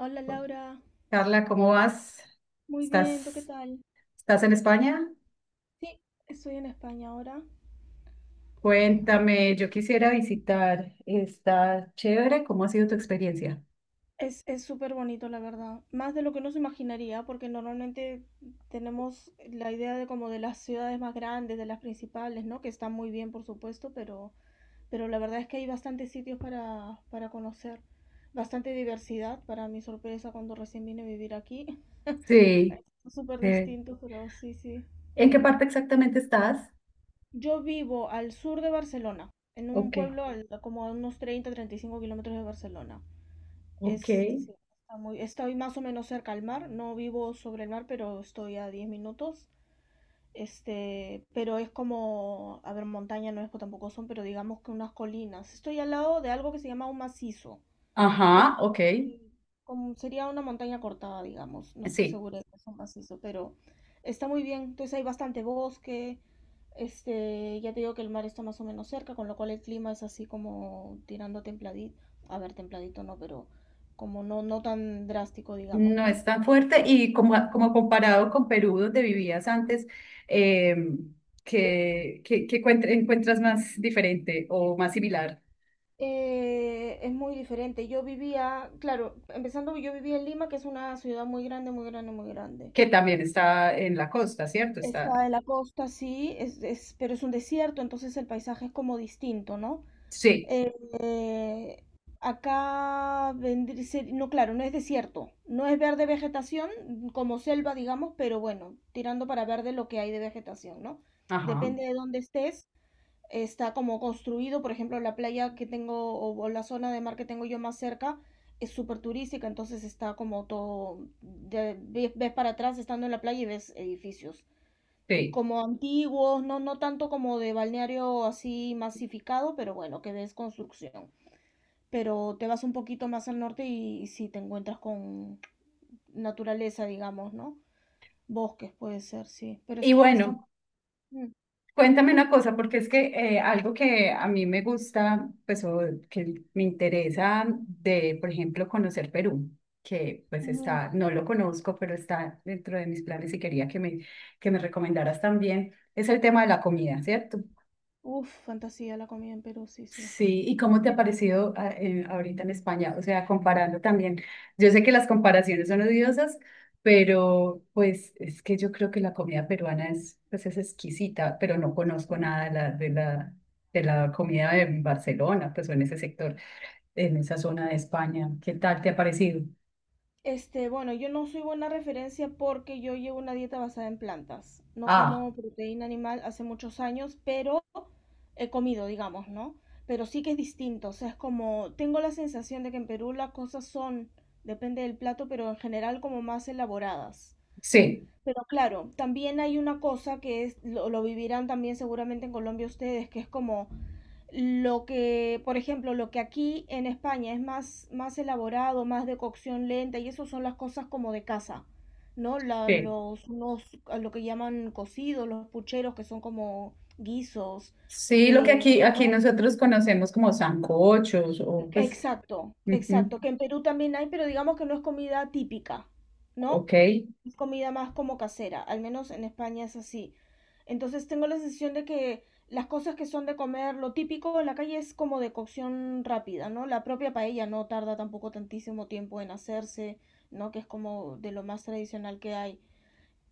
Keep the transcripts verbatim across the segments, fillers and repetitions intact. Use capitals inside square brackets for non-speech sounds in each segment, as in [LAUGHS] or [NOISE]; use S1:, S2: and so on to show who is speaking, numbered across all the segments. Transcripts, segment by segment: S1: Hola Laura,
S2: Carla, ¿cómo vas?
S1: muy bien, ¿tú qué
S2: ¿Estás,
S1: tal?
S2: estás en España?
S1: Sí, estoy en España ahora.
S2: Cuéntame, yo quisiera visitar. Está chévere. ¿Cómo ha sido tu experiencia?
S1: Es, es súper bonito, la verdad. Más de lo que uno se imaginaría, porque normalmente tenemos la idea de como de las ciudades más grandes, de las principales, ¿no? Que están muy bien, por supuesto, pero, pero la verdad es que hay bastantes sitios para, para conocer. Bastante diversidad, para mi sorpresa, cuando recién vine a vivir aquí. [LAUGHS]
S2: Sí.
S1: Es súper
S2: eh,
S1: distinto, pero sí, sí.
S2: ¿En qué parte exactamente estás?
S1: Yo vivo al sur de Barcelona, en un
S2: Ok.
S1: pueblo al- como a unos treinta treinta y cinco kilómetros de Barcelona.
S2: Ok.
S1: Es, sí, está muy, estoy más o menos cerca al mar, no vivo sobre el mar, pero estoy a diez minutos. Este, pero es como, a ver, montaña no es tampoco son, pero digamos que unas colinas. Estoy al lado de algo que se llama un macizo que es
S2: Ajá,
S1: como
S2: ok.
S1: si, como sería una montaña cortada, digamos. No estoy
S2: Sí,
S1: segura de que sea un macizo, pero está muy bien. Entonces hay bastante bosque. Este, ya te digo que el mar está más o menos cerca, con lo cual el clima es así como tirando templadito. A ver, templadito no, pero como no, no tan drástico, digamos,
S2: no
S1: ¿no?
S2: es tan fuerte. Y como, como comparado con Perú, donde vivías antes, eh, ¿qué, qué- qué encuent- encuentras más diferente o más similar?
S1: Eh, es muy diferente. Yo vivía, claro, empezando, yo vivía en Lima, que es una ciudad muy grande, muy grande, muy grande.
S2: Que también está en la costa, ¿cierto? Está.
S1: Está en la costa, sí, es, es- pero es un desierto, entonces el paisaje es como distinto, ¿no?
S2: Sí.
S1: Eh, eh, acá vendría, ser- no, claro, no es desierto, no es verde vegetación, como selva, digamos, pero bueno, tirando para verde lo que hay de vegetación, ¿no?
S2: Ajá.
S1: Depende de dónde estés, está como construido, por ejemplo, la playa que tengo o, o la zona de mar que tengo yo más cerca es súper turística, entonces está como todo, de- ves ves para atrás estando en la playa y ves edificios
S2: Sí.
S1: como antiguos, no, no tanto como de balneario así masificado, pero bueno, que ves construcción. Pero te vas un poquito más al norte y, y sí te encuentras con naturaleza, digamos, ¿no? Bosques puede ser, sí. Pero
S2: Y
S1: está, está
S2: bueno,
S1: muy...
S2: cuéntame una cosa, porque es que eh, algo que a mí me gusta, pues o que me interesa de, por ejemplo, conocer Perú, que pues
S1: mm, ujú.
S2: está, no lo conozco, pero está dentro de mis planes y quería que me, que me recomendaras también, es el tema de la comida, ¿cierto?
S1: Uf, fantasía la comida en Perú, sí, sí.
S2: Sí, ¿y cómo te ha parecido a- eh, ahorita en España? O sea, comparando también. Yo sé que las comparaciones son odiosas, pero pues es que yo creo que la comida peruana es, pues, es exquisita, pero no conozco
S1: Sí.
S2: nada de la, de la, de la comida de Barcelona, pues o en ese sector, en esa zona de España. ¿Qué tal te ha parecido?
S1: Este, bueno, yo no soy buena referencia porque yo llevo una dieta basada en plantas. No
S2: Ah,
S1: como proteína animal hace muchos años, pero he comido, digamos, ¿no? Pero sí que es distinto, o sea, es como, tengo la sensación de que en Perú las cosas son, depende del plato, pero en general como más elaboradas.
S2: sí,
S1: Pero claro, también hay una cosa que es, lo, lo vivirán también seguramente en Colombia ustedes, que es como lo que, por ejemplo, lo que aquí en España es más, más elaborado, más de cocción lenta, y eso son las cosas como de casa, ¿no? La-
S2: sí.
S1: los, unos, a lo que llaman cocidos, los pucheros, que son como guisos,
S2: Sí, lo que
S1: eh,
S2: aquí, aquí
S1: ¿no?
S2: nosotros conocemos como sancochos o pues,
S1: Exacto,
S2: ujú,
S1: exacto. Que en Perú también hay, pero digamos que no es comida típica, ¿no?
S2: ok.
S1: Es comida más como casera, al menos en España es así. Entonces tengo la sensación de que las cosas que son de comer, lo típico en la calle es como de cocción rápida, ¿no? La propia paella no tarda tampoco tantísimo tiempo en hacerse, ¿no? Que es como de lo más tradicional que hay.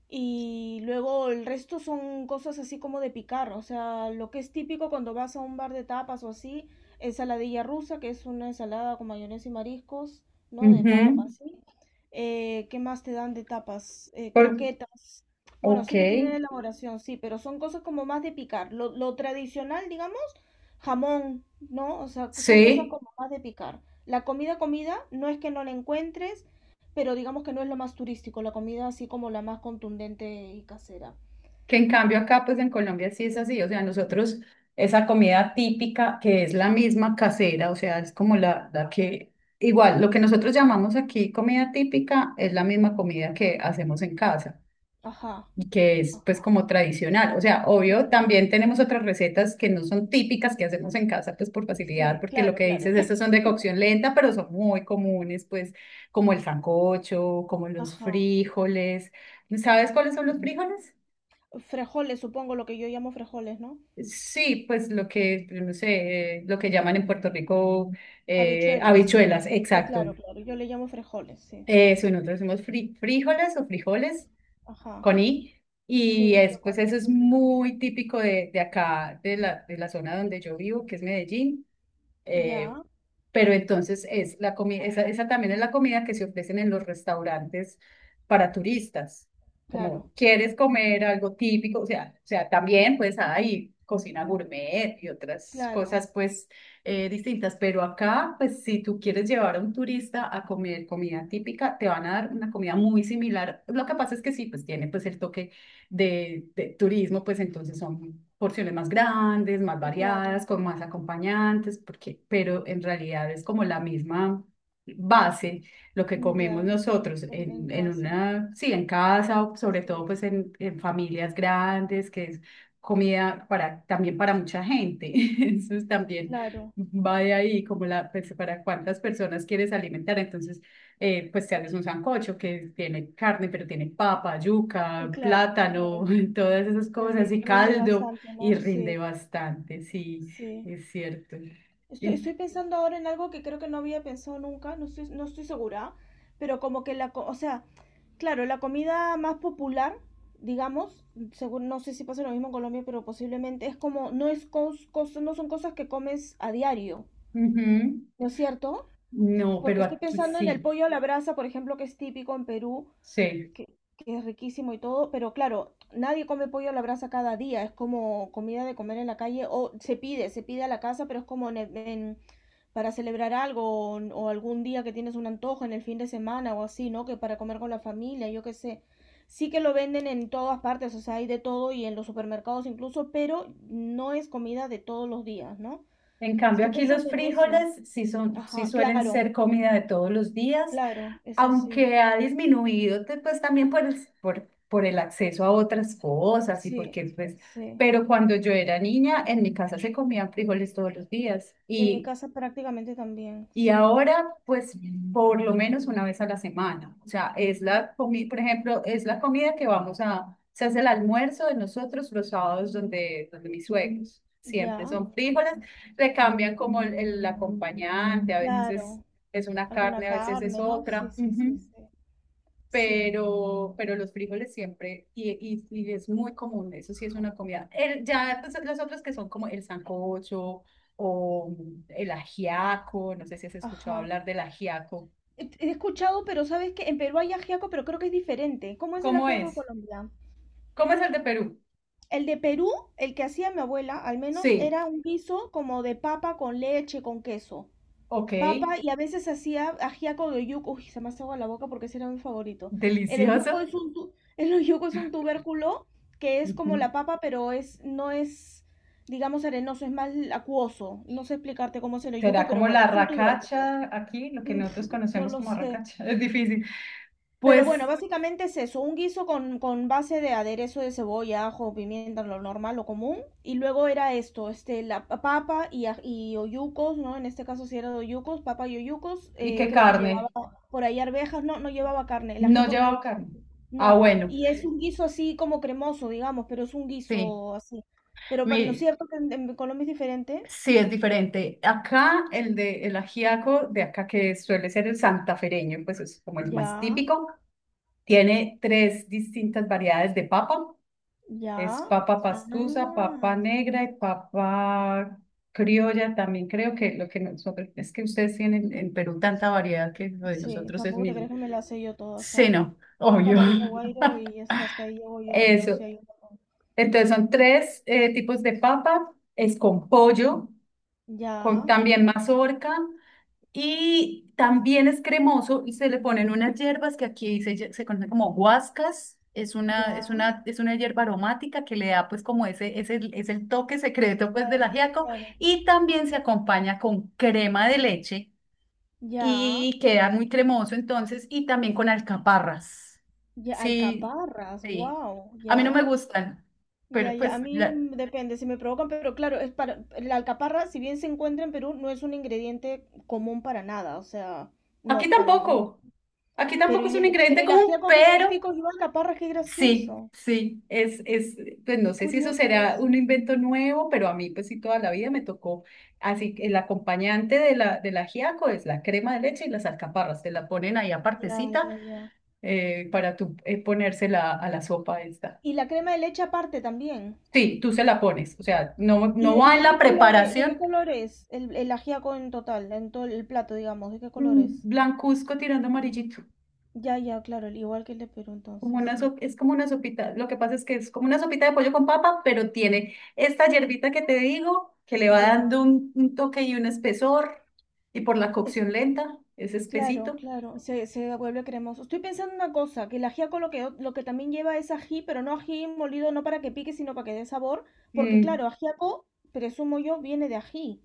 S1: Y luego el resto son cosas así como de picar, o sea, lo que es típico cuando vas a un bar de tapas o así, ensaladilla rusa, que es una ensalada con mayonesa y mariscos, ¿no? De
S2: Ujú,
S1: papas, ¿sí? Eh, ¿qué más te dan de tapas? Eh,
S2: por-
S1: croquetas. Bueno,
S2: ok.
S1: sí que tienen elaboración, sí, pero son cosas como más de picar. Lo, lo tradicional, digamos, jamón, ¿no? O sea, son cosas
S2: Sí,
S1: como más de picar. La comida, comida, no es que no la encuentres, pero digamos que no es lo más turístico, la comida así como la más contundente y casera.
S2: que en cambio acá, pues en Colombia sí es así, o sea, nosotros esa comida típica que es la misma casera, o sea, es como la, la que, igual, lo que nosotros llamamos aquí comida típica es la misma comida que hacemos en casa
S1: Ajá,
S2: y que es pues
S1: ajá,
S2: como tradicional, o sea, obvio,
S1: claro.
S2: también tenemos otras recetas que no son típicas que hacemos en casa pues por facilidad,
S1: Sí,
S2: porque lo
S1: claro,
S2: que
S1: claro.
S2: dices, estas
S1: [LAUGHS]
S2: son de cocción lenta, pero son muy comunes, pues como el sancocho, como los
S1: Ajá.
S2: frijoles. ¿Sabes cuáles son los frijoles?
S1: Frejoles, supongo lo que yo llamo frejoles, ¿no?
S2: Sí, pues lo que, no sé, eh, lo que llaman en Puerto Rico, eh,
S1: Habichuelas.
S2: habichuelas,
S1: Sí,
S2: exacto.
S1: claro, claro. Yo le llamo frejoles, sí.
S2: Eso, nosotros decimos fri- frijoles o frijoles
S1: Ajá.
S2: con i. Y
S1: Sí,
S2: es,
S1: yo con
S2: pues eso
S1: las
S2: es
S1: lentejas, sí.
S2: muy típico de, de acá, de la, de la zona donde yo vivo, que es Medellín. Eh,
S1: Ya,
S2: pero entonces es la comida, esa, esa también es la comida que se ofrecen en los restaurantes para turistas.
S1: claro,
S2: Como quieres comer algo típico, o sea, o sea, también pues hay cocina gourmet y otras
S1: claro,
S2: cosas pues eh, distintas, pero acá pues si tú quieres llevar a un turista a comer comida típica, te van a dar una comida muy similar. Lo que pasa es que sí, pues tiene pues el toque de, de turismo, pues entonces son porciones más grandes, más
S1: eh,
S2: variadas,
S1: claro.
S2: con más acompañantes, porque, pero en realidad es como la misma base lo que comemos
S1: Ya,
S2: nosotros
S1: en,
S2: en,
S1: en
S2: en
S1: casa.
S2: una, sí, en casa, o sobre todo
S1: Sí,
S2: pues en, en familias grandes, que es comida para, también para mucha gente. [LAUGHS] Entonces también
S1: claro,
S2: va de ahí como la, pues, para cuántas personas quieres alimentar. Entonces eh, pues te haces un sancocho que tiene carne, pero tiene papa,
S1: eh,
S2: yuca,
S1: claro,
S2: plátano,
S1: claro.
S2: [LAUGHS] todas esas
S1: Te
S2: cosas
S1: ri-
S2: y
S1: rinde
S2: caldo
S1: bastante,
S2: y
S1: ¿no?
S2: rinde
S1: Sí,
S2: bastante, sí,
S1: sí.
S2: es cierto.
S1: Estoy,
S2: En-
S1: estoy pensando ahora en algo que creo que no había pensado nunca, no estoy, no estoy segura, pero como que la, co- o sea, claro, la comida más popular, digamos, según, no sé si pasa lo mismo en Colombia, pero posiblemente es como, no es cos- cos- no son cosas que comes a diario,
S2: Ujú.
S1: ¿no es cierto?
S2: No,
S1: Porque
S2: pero
S1: estoy
S2: aquí
S1: pensando en el
S2: sí,
S1: pollo a la brasa, por ejemplo, que es típico en Perú,
S2: sí.
S1: que, que es riquísimo y todo, pero claro, nadie come pollo a la brasa cada día, es como comida de comer en la calle, o se pide, se pide a la casa, pero es como en, en- para celebrar algo o, o algún día que tienes un antojo en el fin de semana o así, ¿no? Que para comer con la familia, yo qué sé. Sí que lo venden en todas partes, o sea, hay de todo y en los supermercados incluso, pero no es comida de todos los días, ¿no?
S2: En cambio,
S1: Estoy
S2: aquí los
S1: pensando en eso.
S2: frijoles sí son, sí
S1: Ajá,
S2: suelen
S1: claro,
S2: ser comida de todos los días,
S1: claro, eso sí,
S2: aunque ha disminuido te- pues también por el, por, por el acceso a otras cosas y
S1: sí,
S2: porque pues,
S1: sí.
S2: pero cuando yo era niña en mi casa se comían frijoles todos los días
S1: En mi
S2: y,
S1: casa prácticamente también,
S2: y
S1: sí.
S2: ahora pues por lo menos una vez a la semana. O sea, es la comida, por ejemplo, es la comida que vamos a, se hace el almuerzo de nosotros los sábados donde, donde mis suegros. Siempre
S1: Ya,
S2: son frijoles, le cambian como el, el acompañante, a veces es,
S1: claro.
S2: es una
S1: Alguna
S2: carne, a veces es
S1: carne, ¿no? Sí,
S2: otra.
S1: sí, sí,
S2: Ujú,
S1: sí. Sí,
S2: pero, pero los frijoles siempre, y, y, y es muy común, eso sí es una comida. El- ya pues, las otras que son como el sancocho o el ajiaco, no sé si has escuchado
S1: ajá.
S2: hablar del ajiaco.
S1: He he escuchado, pero sabes que en Perú hay ajiaco, pero creo que es diferente. ¿Cómo es el
S2: ¿Cómo
S1: ajiaco
S2: es?
S1: colombiano?
S2: ¿Cómo es el de Perú?
S1: El de Perú, el que hacía mi abuela, al menos
S2: Sí,
S1: era un guiso como de papa con leche, con queso.
S2: ok,
S1: Papa y a veces hacía ajiaco de oyuco. Uy, se me hace agua la boca porque ese era mi favorito. El oyuco
S2: delicioso.
S1: es un tu- [LAUGHS] El oyuco es un tubérculo que es como
S2: Ujú.
S1: la papa, pero es no es digamos arenoso, es más acuoso. No sé explicarte cómo es el oyuco,
S2: Será
S1: pero
S2: como
S1: bueno,
S2: la
S1: es un tubérculo.
S2: racacha aquí, lo que
S1: Mm, pf,
S2: nosotros
S1: no
S2: conocemos
S1: lo
S2: como
S1: sé.
S2: racacha, [LAUGHS] es difícil.
S1: Pero bueno,
S2: Pues,
S1: básicamente es eso, un guiso con, con base de aderezo de cebolla, ajo, pimienta, lo normal, lo común. Y luego era esto, este, la pa- papa y, aj- y oyucos, ¿no? En este caso sí era de oyucos, papa y oyucos.
S2: ¿y
S1: Eh,
S2: qué
S1: creo que llevaba
S2: carne?
S1: por ahí arvejas, no, no llevaba carne, el
S2: No
S1: ajiaco no
S2: llevaba
S1: llevaba,
S2: carne. Ah,
S1: no.
S2: bueno,
S1: Y es un guiso así como cremoso, digamos, pero es un
S2: sí.
S1: guiso así. Pero para, ¿no es
S2: Mire,
S1: cierto que en, en Colombia es diferente?
S2: sí, es diferente. Acá el de el ajiaco de acá que suele ser el santafereño, pues es como el más
S1: Ya,
S2: típico, tiene tres distintas variedades de papa.
S1: ya.
S2: Es papa
S1: Ah.
S2: pastusa, papa negra y papa criolla. También creo que lo que nosotros es que ustedes tienen en Perú tanta variedad que lo de
S1: Sí,
S2: nosotros es
S1: tampoco te
S2: mismo.
S1: crees que me las sé yo todas,
S2: Sí,
S1: ¿sabes?
S2: no, [LAUGHS]
S1: Blanca,
S2: obvio.
S1: amarilla, guairo y hasta, hasta ahí llego yo, pero
S2: Eso.
S1: sí hay un montón.
S2: Entonces son tres eh, tipos de papa. Es con pollo, con
S1: Ya,
S2: también mazorca. Y también es cremoso y se le ponen unas hierbas que aquí se, lle- se conocen como guascas. Es una,
S1: ya,
S2: es una, es una hierba aromática que le da pues como ese, ese, es el toque secreto pues del
S1: claro,
S2: ajiaco.
S1: claro.
S2: Y también se acompaña con crema de leche
S1: Ya,
S2: y queda muy cremoso entonces y también con alcaparras.
S1: ya,
S2: Sí,
S1: alcaparras,
S2: sí.
S1: wow,
S2: A mí no me
S1: ya,
S2: gustan,
S1: ya,
S2: pero
S1: ya. A
S2: pues
S1: mí
S2: la-
S1: mm, depende si me provocan, pero claro, es para la alcaparra, si bien se encuentra en Perú, no es un ingrediente común para nada, o sea,
S2: aquí
S1: no, para no.
S2: tampoco. Aquí
S1: Pero
S2: tampoco es
S1: y
S2: un
S1: el, pero
S2: ingrediente
S1: el
S2: común,
S1: ajiaco que es
S2: pero
S1: típico, yo alcaparra, qué
S2: sí,
S1: gracioso,
S2: sí, es, es, pues no
S1: qué
S2: sé si eso
S1: curioso
S2: será un
S1: eso.
S2: invento nuevo, pero a mí pues sí toda la vida me tocó, así que el acompañante de la, del ajiaco es la crema de leche y las alcaparras, te la ponen ahí
S1: Ya,
S2: apartecita
S1: ya, ya.
S2: eh, para tú eh, ponérsela a la sopa esta.
S1: Y la crema de leche aparte también.
S2: Sí, tú se la pones, o sea, no,
S1: ¿Y
S2: no
S1: de, y
S2: va en
S1: de
S2: la
S1: qué color es, de qué
S2: preparación.
S1: color es el, el ajiaco en total, en todo el plato, digamos? ¿De qué color
S2: Mm,
S1: es?
S2: blancuzco tirando amarillito.
S1: Ya, ya, claro, el- igual que el de Perú
S2: Como
S1: entonces,
S2: una
S1: sí.
S2: sop- es como una sopita, lo que pasa es que es como una sopita de pollo con papa, pero tiene esta hierbita que te digo, que le va
S1: Ya.
S2: dando un, un toque y un espesor, y por la
S1: Es,
S2: cocción lenta, es
S1: claro,
S2: espesito.
S1: claro, se, se vuelve cremoso. Estoy pensando una cosa, que el ajiaco lo que, lo que también lleva es ají, pero no ají molido, no para que pique, sino para que dé sabor, porque
S2: Mm,
S1: claro, ajiaco, presumo yo, viene de ají.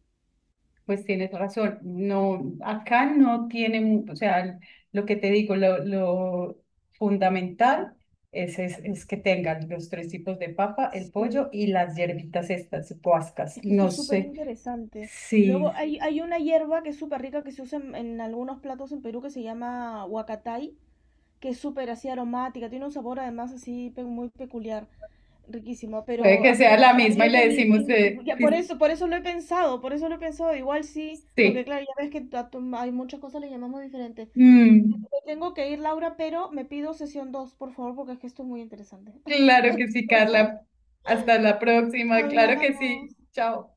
S2: pues tienes razón, no, acá no tienen, o sea, lo que te digo, lo, lo fundamental es, es, es que tengan los tres tipos de papa, el pollo
S1: Sí.
S2: y las hierbitas estas, puascas,
S1: Es que eso
S2: no
S1: es súper
S2: sé,
S1: interesante. Luego
S2: sí.
S1: hay, hay una hierba que es súper rica que se usa en, en algunos platos en Perú que se llama huacatay, que es súper así aromática, tiene un sabor además así pe- muy peculiar, riquísimo,
S2: Puede
S1: pero
S2: que
S1: habría
S2: sea
S1: que,
S2: la misma y
S1: habría que
S2: le
S1: ni-
S2: decimos
S1: in-
S2: de,
S1: ya por eso, por eso lo he pensado, por eso lo he pensado, igual sí, porque
S2: sí.
S1: claro, ya ves que a tu- hay muchas cosas le llamamos diferentes.
S2: Mm,
S1: Me tengo que ir, Laura, pero me pido sesión dos por favor, porque es que esto es muy interesante. [LAUGHS]
S2: claro que sí,
S1: Entonces,
S2: Carla. Hasta la próxima. Claro que
S1: hablamos.
S2: sí. Chao.